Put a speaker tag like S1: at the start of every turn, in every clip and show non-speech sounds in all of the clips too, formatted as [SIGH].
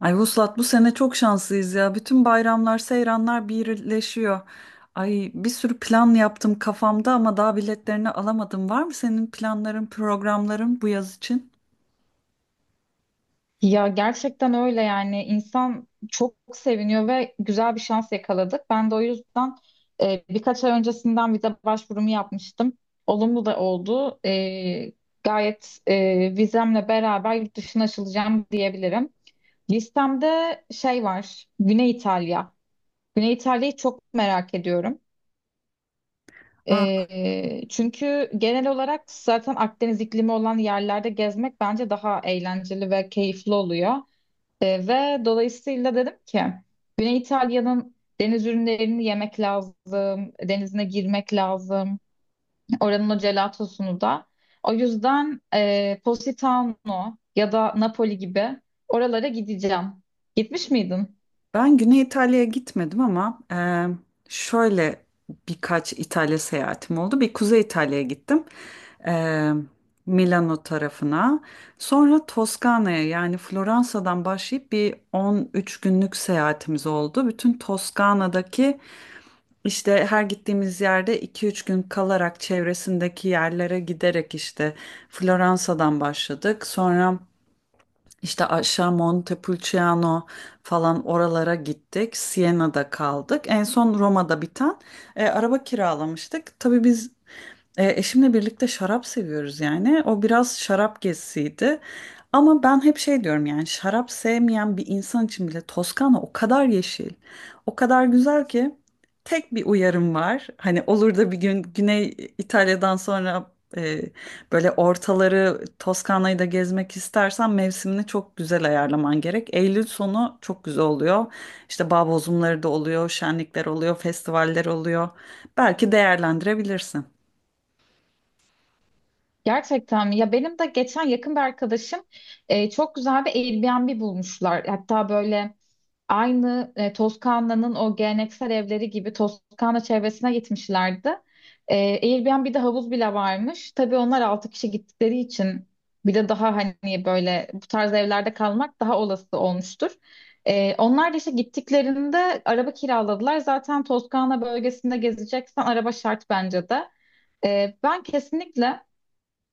S1: Ay Vuslat, bu sene çok şanslıyız ya. Bütün bayramlar, seyranlar birleşiyor. Ay, bir sürü plan yaptım kafamda ama daha biletlerini alamadım. Var mı senin planların, programların bu yaz için?
S2: Ya gerçekten öyle yani insan çok seviniyor ve güzel bir şans yakaladık. Ben de o yüzden birkaç ay öncesinden vize başvurumu yapmıştım. Olumlu da oldu. Vizemle beraber yurt dışına açılacağım diyebilirim. Listemde şey var, Güney İtalya. Güney İtalya'yı çok merak ediyorum.
S1: Ah,
S2: Çünkü genel olarak zaten Akdeniz iklimi olan yerlerde gezmek bence daha eğlenceli ve keyifli oluyor. Ve dolayısıyla dedim ki Güney İtalya'nın deniz ürünlerini yemek lazım, denizine girmek lazım. Oranın o gelatosunu da. O yüzden Positano ya da Napoli gibi oralara gideceğim. Gitmiş miydin?
S1: ben Güney İtalya'ya gitmedim ama şöyle birkaç İtalya seyahatim oldu. Bir Kuzey İtalya'ya gittim. Eee, Milano tarafına. Sonra Toskana'ya, yani Floransa'dan başlayıp bir 13 günlük seyahatimiz oldu. Bütün Toskana'daki, İşte her gittiğimiz yerde iki üç gün kalarak çevresindeki yerlere giderek işte Floransa'dan başladık. Sonra işte aşağı Montepulciano falan oralara gittik. Siena'da kaldık. En son Roma'da biten araba kiralamıştık. Tabii biz eşimle birlikte şarap seviyoruz yani. O biraz şarap gezisiydi. Ama ben hep şey diyorum, yani şarap sevmeyen bir insan için bile Toskana o kadar yeşil, o kadar güzel ki tek bir uyarım var. Hani olur da bir gün Güney İtalya'dan sonra e, böyle ortaları, Toskana'yı da gezmek istersen mevsimini çok güzel ayarlaman gerek. Eylül sonu çok güzel oluyor. İşte bağ bozumları da oluyor, şenlikler oluyor, festivaller oluyor. Belki değerlendirebilirsin.
S2: Gerçekten mi? Ya benim de geçen yakın bir arkadaşım çok güzel bir Airbnb bulmuşlar. Hatta böyle aynı Toskana'nın o geleneksel evleri gibi Toskana çevresine gitmişlerdi. E, Airbnb'de havuz bile varmış. Tabii onlar 6 kişi gittikleri için bir de daha hani böyle bu tarz evlerde kalmak daha olası olmuştur. Onlar da işte gittiklerinde araba kiraladılar. Zaten Toskana bölgesinde gezeceksen araba şart bence de. Ben kesinlikle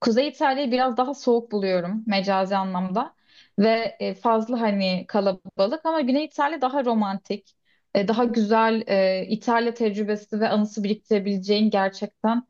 S2: Kuzey İtalya'yı biraz daha soğuk buluyorum mecazi anlamda ve fazla hani kalabalık ama Güney İtalya daha romantik, daha güzel İtalya tecrübesi ve anısı biriktirebileceğin gerçekten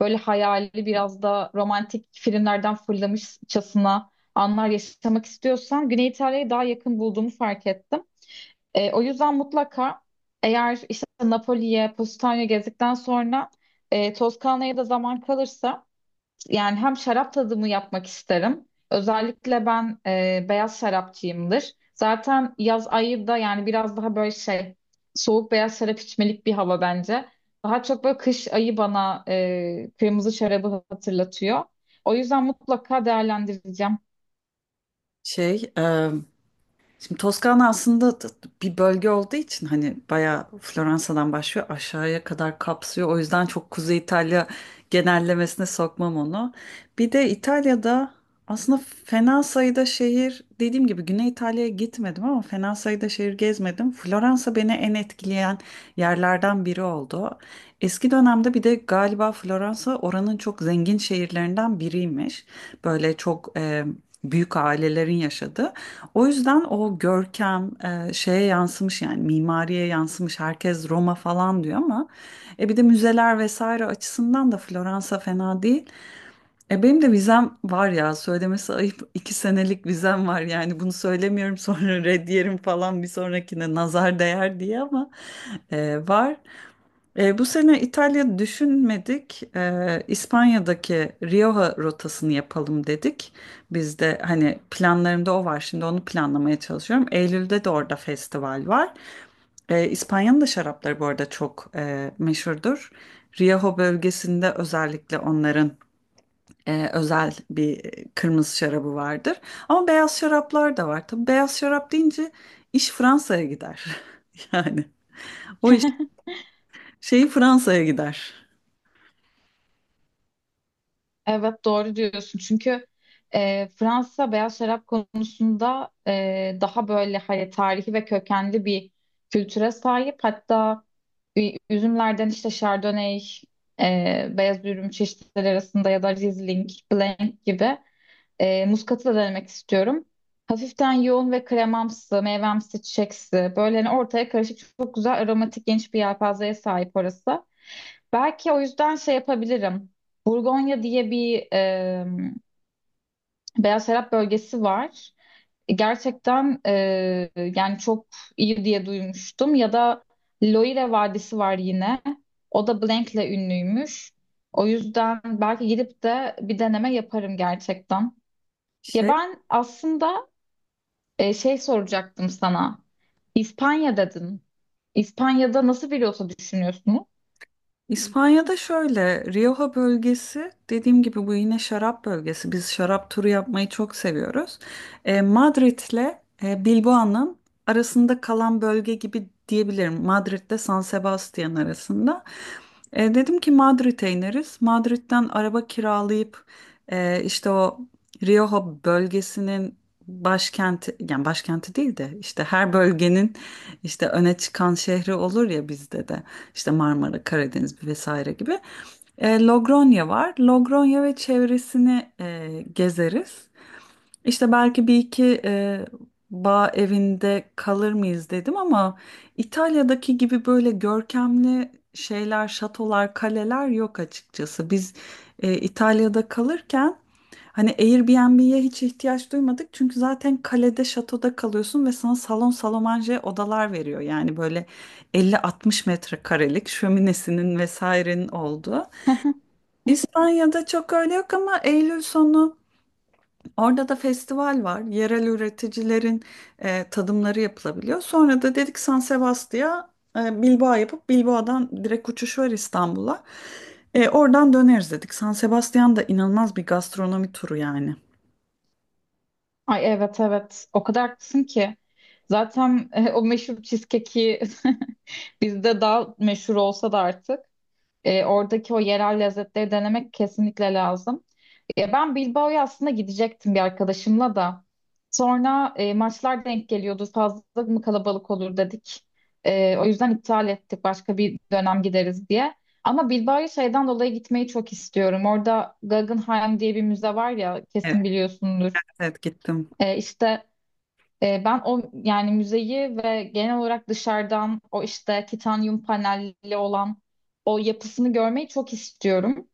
S2: böyle hayali biraz da romantik filmlerden fırlamışçasına anlar yaşamak istiyorsan Güney İtalya'ya daha yakın bulduğumu fark ettim. O yüzden mutlaka eğer işte Napoli'ye, Positano'ya gezdikten sonra Toskana'ya da zaman kalırsa yani hem şarap tadımı yapmak isterim. Özellikle ben beyaz şarapçıyımdır. Zaten yaz ayı da yani biraz daha böyle şey soğuk beyaz şarap içmelik bir hava bence. Daha çok böyle kış ayı bana kırmızı şarabı hatırlatıyor. O yüzden mutlaka değerlendireceğim.
S1: Şey, e, Şimdi Toskana aslında bir bölge olduğu için hani bayağı Floransa'dan başlıyor, aşağıya kadar kapsıyor. O yüzden çok Kuzey İtalya genellemesine sokmam onu. Bir de İtalya'da aslında fena sayıda şehir, dediğim gibi Güney İtalya'ya gitmedim ama fena sayıda şehir gezmedim. Floransa beni en etkileyen yerlerden biri oldu. Eski dönemde, bir de galiba Floransa oranın çok zengin şehirlerinden biriymiş. Böyle çok büyük ailelerin yaşadığı. O yüzden o görkem şeye yansımış, yani mimariye yansımış. Herkes Roma falan diyor ama bir de müzeler vesaire açısından da Floransa fena değil. E, benim de vizem var ya, söylemesi ayıp, [LAUGHS] iki senelik vizem var. Yani bunu söylemiyorum [LAUGHS] sonra red yerim falan, bir sonrakine nazar değer diye, ama var. E, bu sene İtalya düşünmedik. E, İspanya'daki Rioja rotasını yapalım dedik. Biz de hani planlarımda o var. Şimdi onu planlamaya çalışıyorum. Eylül'de de orada festival var. E, İspanya'nın da şarapları bu arada çok meşhurdur. Rioja bölgesinde özellikle onların özel bir kırmızı şarabı vardır. Ama beyaz şaraplar da var. Tabii beyaz şarap deyince iş Fransa'ya gider. [LAUGHS] Yani o iş
S2: [LAUGHS]
S1: Fransa'ya gider.
S2: Evet doğru diyorsun çünkü Fransa beyaz şarap konusunda daha böyle hani tarihi ve kökenli bir kültüre sahip. Hatta üzümlerden işte Chardonnay, beyaz ürün çeşitleri arasında ya da Riesling, Blanc gibi muskatı da denemek istiyorum. Hafiften yoğun ve kremamsı, meyvemsi, çiçeksi. Böyle hani ortaya karışık çok güzel aromatik geniş bir yelpazeye sahip orası. Belki o yüzden şey yapabilirim. Burgonya diye bir beyaz şarap bölgesi var. Gerçekten çok iyi diye duymuştum. Ya da Loire Vadisi var yine. O da Blank'le ünlüymüş. O yüzden belki gidip de bir deneme yaparım gerçekten. Ya
S1: Şey,
S2: ben aslında şey soracaktım sana. İspanya dedin. İspanya'da nasıl bir yota düşünüyorsunuz?
S1: İspanya'da şöyle, Rioja bölgesi dediğim gibi bu yine şarap bölgesi. Biz şarap turu yapmayı çok seviyoruz. Madrid'le Bilbao'nun arasında kalan bölge gibi diyebilirim. Madrid'de San Sebastian arasında. E, dedim ki Madrid'e ineriz. Madrid'den araba kiralayıp işte o Rioja bölgesinin başkenti, yani başkenti değil de işte her bölgenin işte öne çıkan şehri olur ya, bizde de. İşte Marmara, Karadeniz vesaire gibi. E, Logronya var. Logronya ve çevresini gezeriz. İşte belki bir iki bağ evinde kalır mıyız dedim ama İtalya'daki gibi böyle görkemli şeyler, şatolar, kaleler yok açıkçası. Biz İtalya'da kalırken hani Airbnb'ye hiç ihtiyaç duymadık çünkü zaten kalede, şatoda kalıyorsun ve sana salon salomanje odalar veriyor. Yani böyle 50-60 metrekarelik, şöminesinin vesairenin olduğu.
S2: [LAUGHS]
S1: İspanya'da çok öyle yok ama Eylül sonu orada da festival var. Yerel üreticilerin tadımları yapılabiliyor. Sonra da dedik San Sebastian'a Bilbao yapıp Bilbao'dan direkt uçuş var İstanbul'a. E, oradan döneriz dedik. San Sebastian da inanılmaz bir gastronomi turu yani.
S2: Ay, evet, evet, o kadar haklısın ki. Zaten o meşhur cheesecake'i [LAUGHS] bizde daha meşhur olsa da artık oradaki o yerel lezzetleri denemek kesinlikle lazım. Ya ben Bilbao'ya aslında gidecektim bir arkadaşımla da. Sonra maçlar denk geliyordu. Fazla mı kalabalık olur dedik. O yüzden iptal ettik. Başka bir dönem gideriz diye. Ama Bilbao'ya şeyden dolayı gitmeyi çok istiyorum. Orada Guggenheim diye bir müze var ya
S1: Evet,
S2: kesin biliyorsundur.
S1: evet gittim.
S2: E, işte ben o yani müzeyi ve genel olarak dışarıdan o işte titanyum panelli olan o yapısını görmeyi çok istiyorum.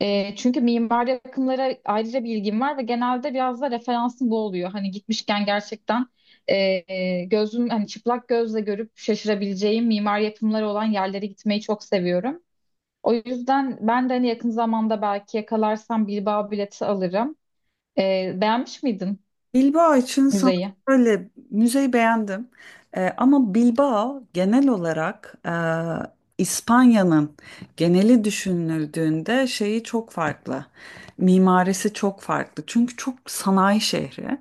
S2: Çünkü mimari akımlara ayrıca bilgim var ve genelde biraz da referansım bu oluyor. Hani gitmişken gerçekten gözüm hani çıplak gözle görüp şaşırabileceğim mimari yapımları olan yerlere gitmeyi çok seviyorum. O yüzden ben de hani yakın zamanda belki yakalarsam Bilbao bileti alırım. Beğenmiş miydin
S1: Bilbao için sana
S2: müzeyi?
S1: böyle, müzeyi beğendim. Ama Bilbao genel olarak, İspanya'nın geneli düşünüldüğünde, şeyi çok farklı. Mimarisi çok farklı. Çünkü çok sanayi şehri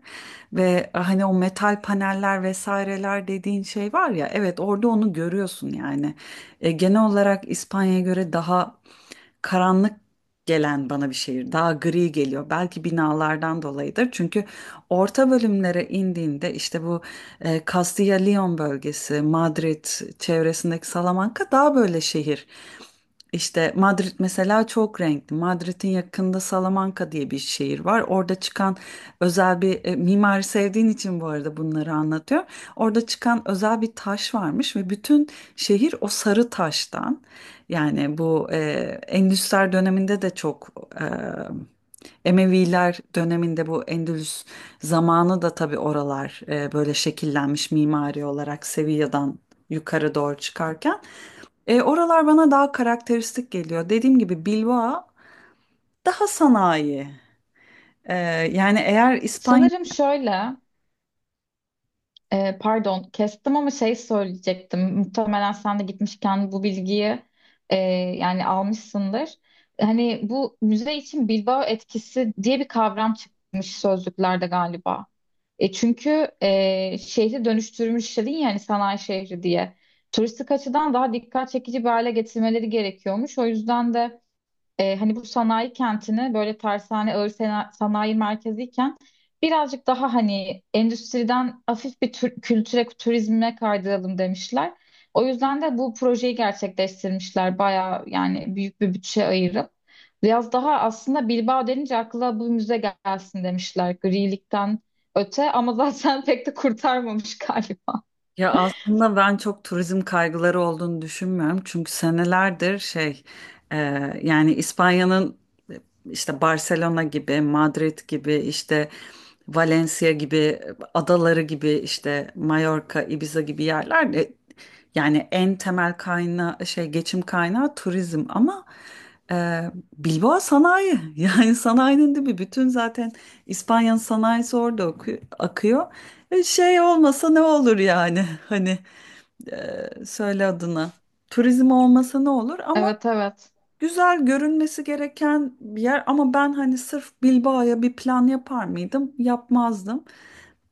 S1: ve hani o metal paneller vesaireler dediğin şey var ya, evet, orada onu görüyorsun yani. E, genel olarak İspanya'ya göre daha karanlık gelen bana bir şehir. Daha gri geliyor. Belki binalardan dolayıdır. Çünkü orta bölümlere indiğinde işte bu Castilla-Leon bölgesi, Madrid çevresindeki Salamanca daha böyle şehir. İşte Madrid mesela çok renkli. Madrid'in yakında Salamanca diye bir şehir var. Orada çıkan özel bir mimari sevdiğin için bu arada bunları anlatıyor. Orada çıkan özel bir taş varmış ve bütün şehir o sarı taştan. Yani bu Endüsler döneminde de çok e, Emeviler döneminde bu Endülüs zamanı da tabii oralar böyle şekillenmiş mimari olarak, Sevilla'dan yukarı doğru çıkarken. E, oralar bana daha karakteristik geliyor. Dediğim gibi Bilbao daha sanayi. E, yani eğer İspanya,
S2: Sanırım şöyle. Pardon, kestim ama şey söyleyecektim. Muhtemelen sen de gitmişken bu bilgiyi e, yani almışsındır. Hani bu müze için Bilbao etkisi diye bir kavram çıkmış sözlüklerde galiba. Çünkü şehri dönüştürmüş dedin yani sanayi şehri diye. Turistik açıdan daha dikkat çekici bir hale getirmeleri gerekiyormuş. O yüzden de hani bu sanayi kentini böyle tersane ağır sanayi merkeziyken birazcık daha hani endüstriden hafif bir kültüre, turizme kaydıralım demişler. O yüzden de bu projeyi gerçekleştirmişler. Bayağı yani büyük bir bütçe ayırıp. Biraz daha aslında Bilbao denince akla bu müze gelsin demişler grilikten öte ama zaten [LAUGHS] pek de kurtarmamış galiba.
S1: ya aslında ben çok turizm kaygıları olduğunu düşünmüyorum. Çünkü senelerdir şey, e, yani İspanya'nın, e, işte Barcelona gibi, Madrid gibi, işte Valencia gibi, adaları gibi, işte Mallorca, Ibiza gibi yerler de, yani en temel kaynağı şey, geçim kaynağı turizm, ama e, Bilbao sanayi. [LAUGHS] Yani sanayinin de bir bütün, zaten İspanya'nın sanayisi orada akıyor. E, şey olmasa ne olur yani, [LAUGHS] hani söyle adına, turizm olmasa ne olur, ama
S2: Evet, evet.
S1: güzel görünmesi gereken bir yer. Ama ben hani sırf Bilbao'ya bir plan yapar mıydım, yapmazdım.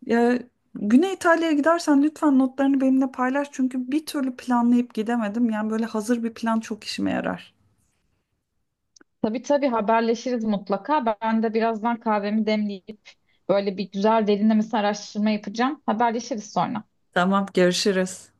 S1: E, Güney İtalya'ya gidersen lütfen notlarını benimle paylaş çünkü bir türlü planlayıp gidemedim, yani böyle hazır bir plan çok işime yarar.
S2: Tabii, tabii, haberleşiriz mutlaka. Ben de birazdan kahvemi demleyip böyle bir güzel derinlemesine araştırma yapacağım. Haberleşiriz sonra.
S1: Tamam, görüşürüz.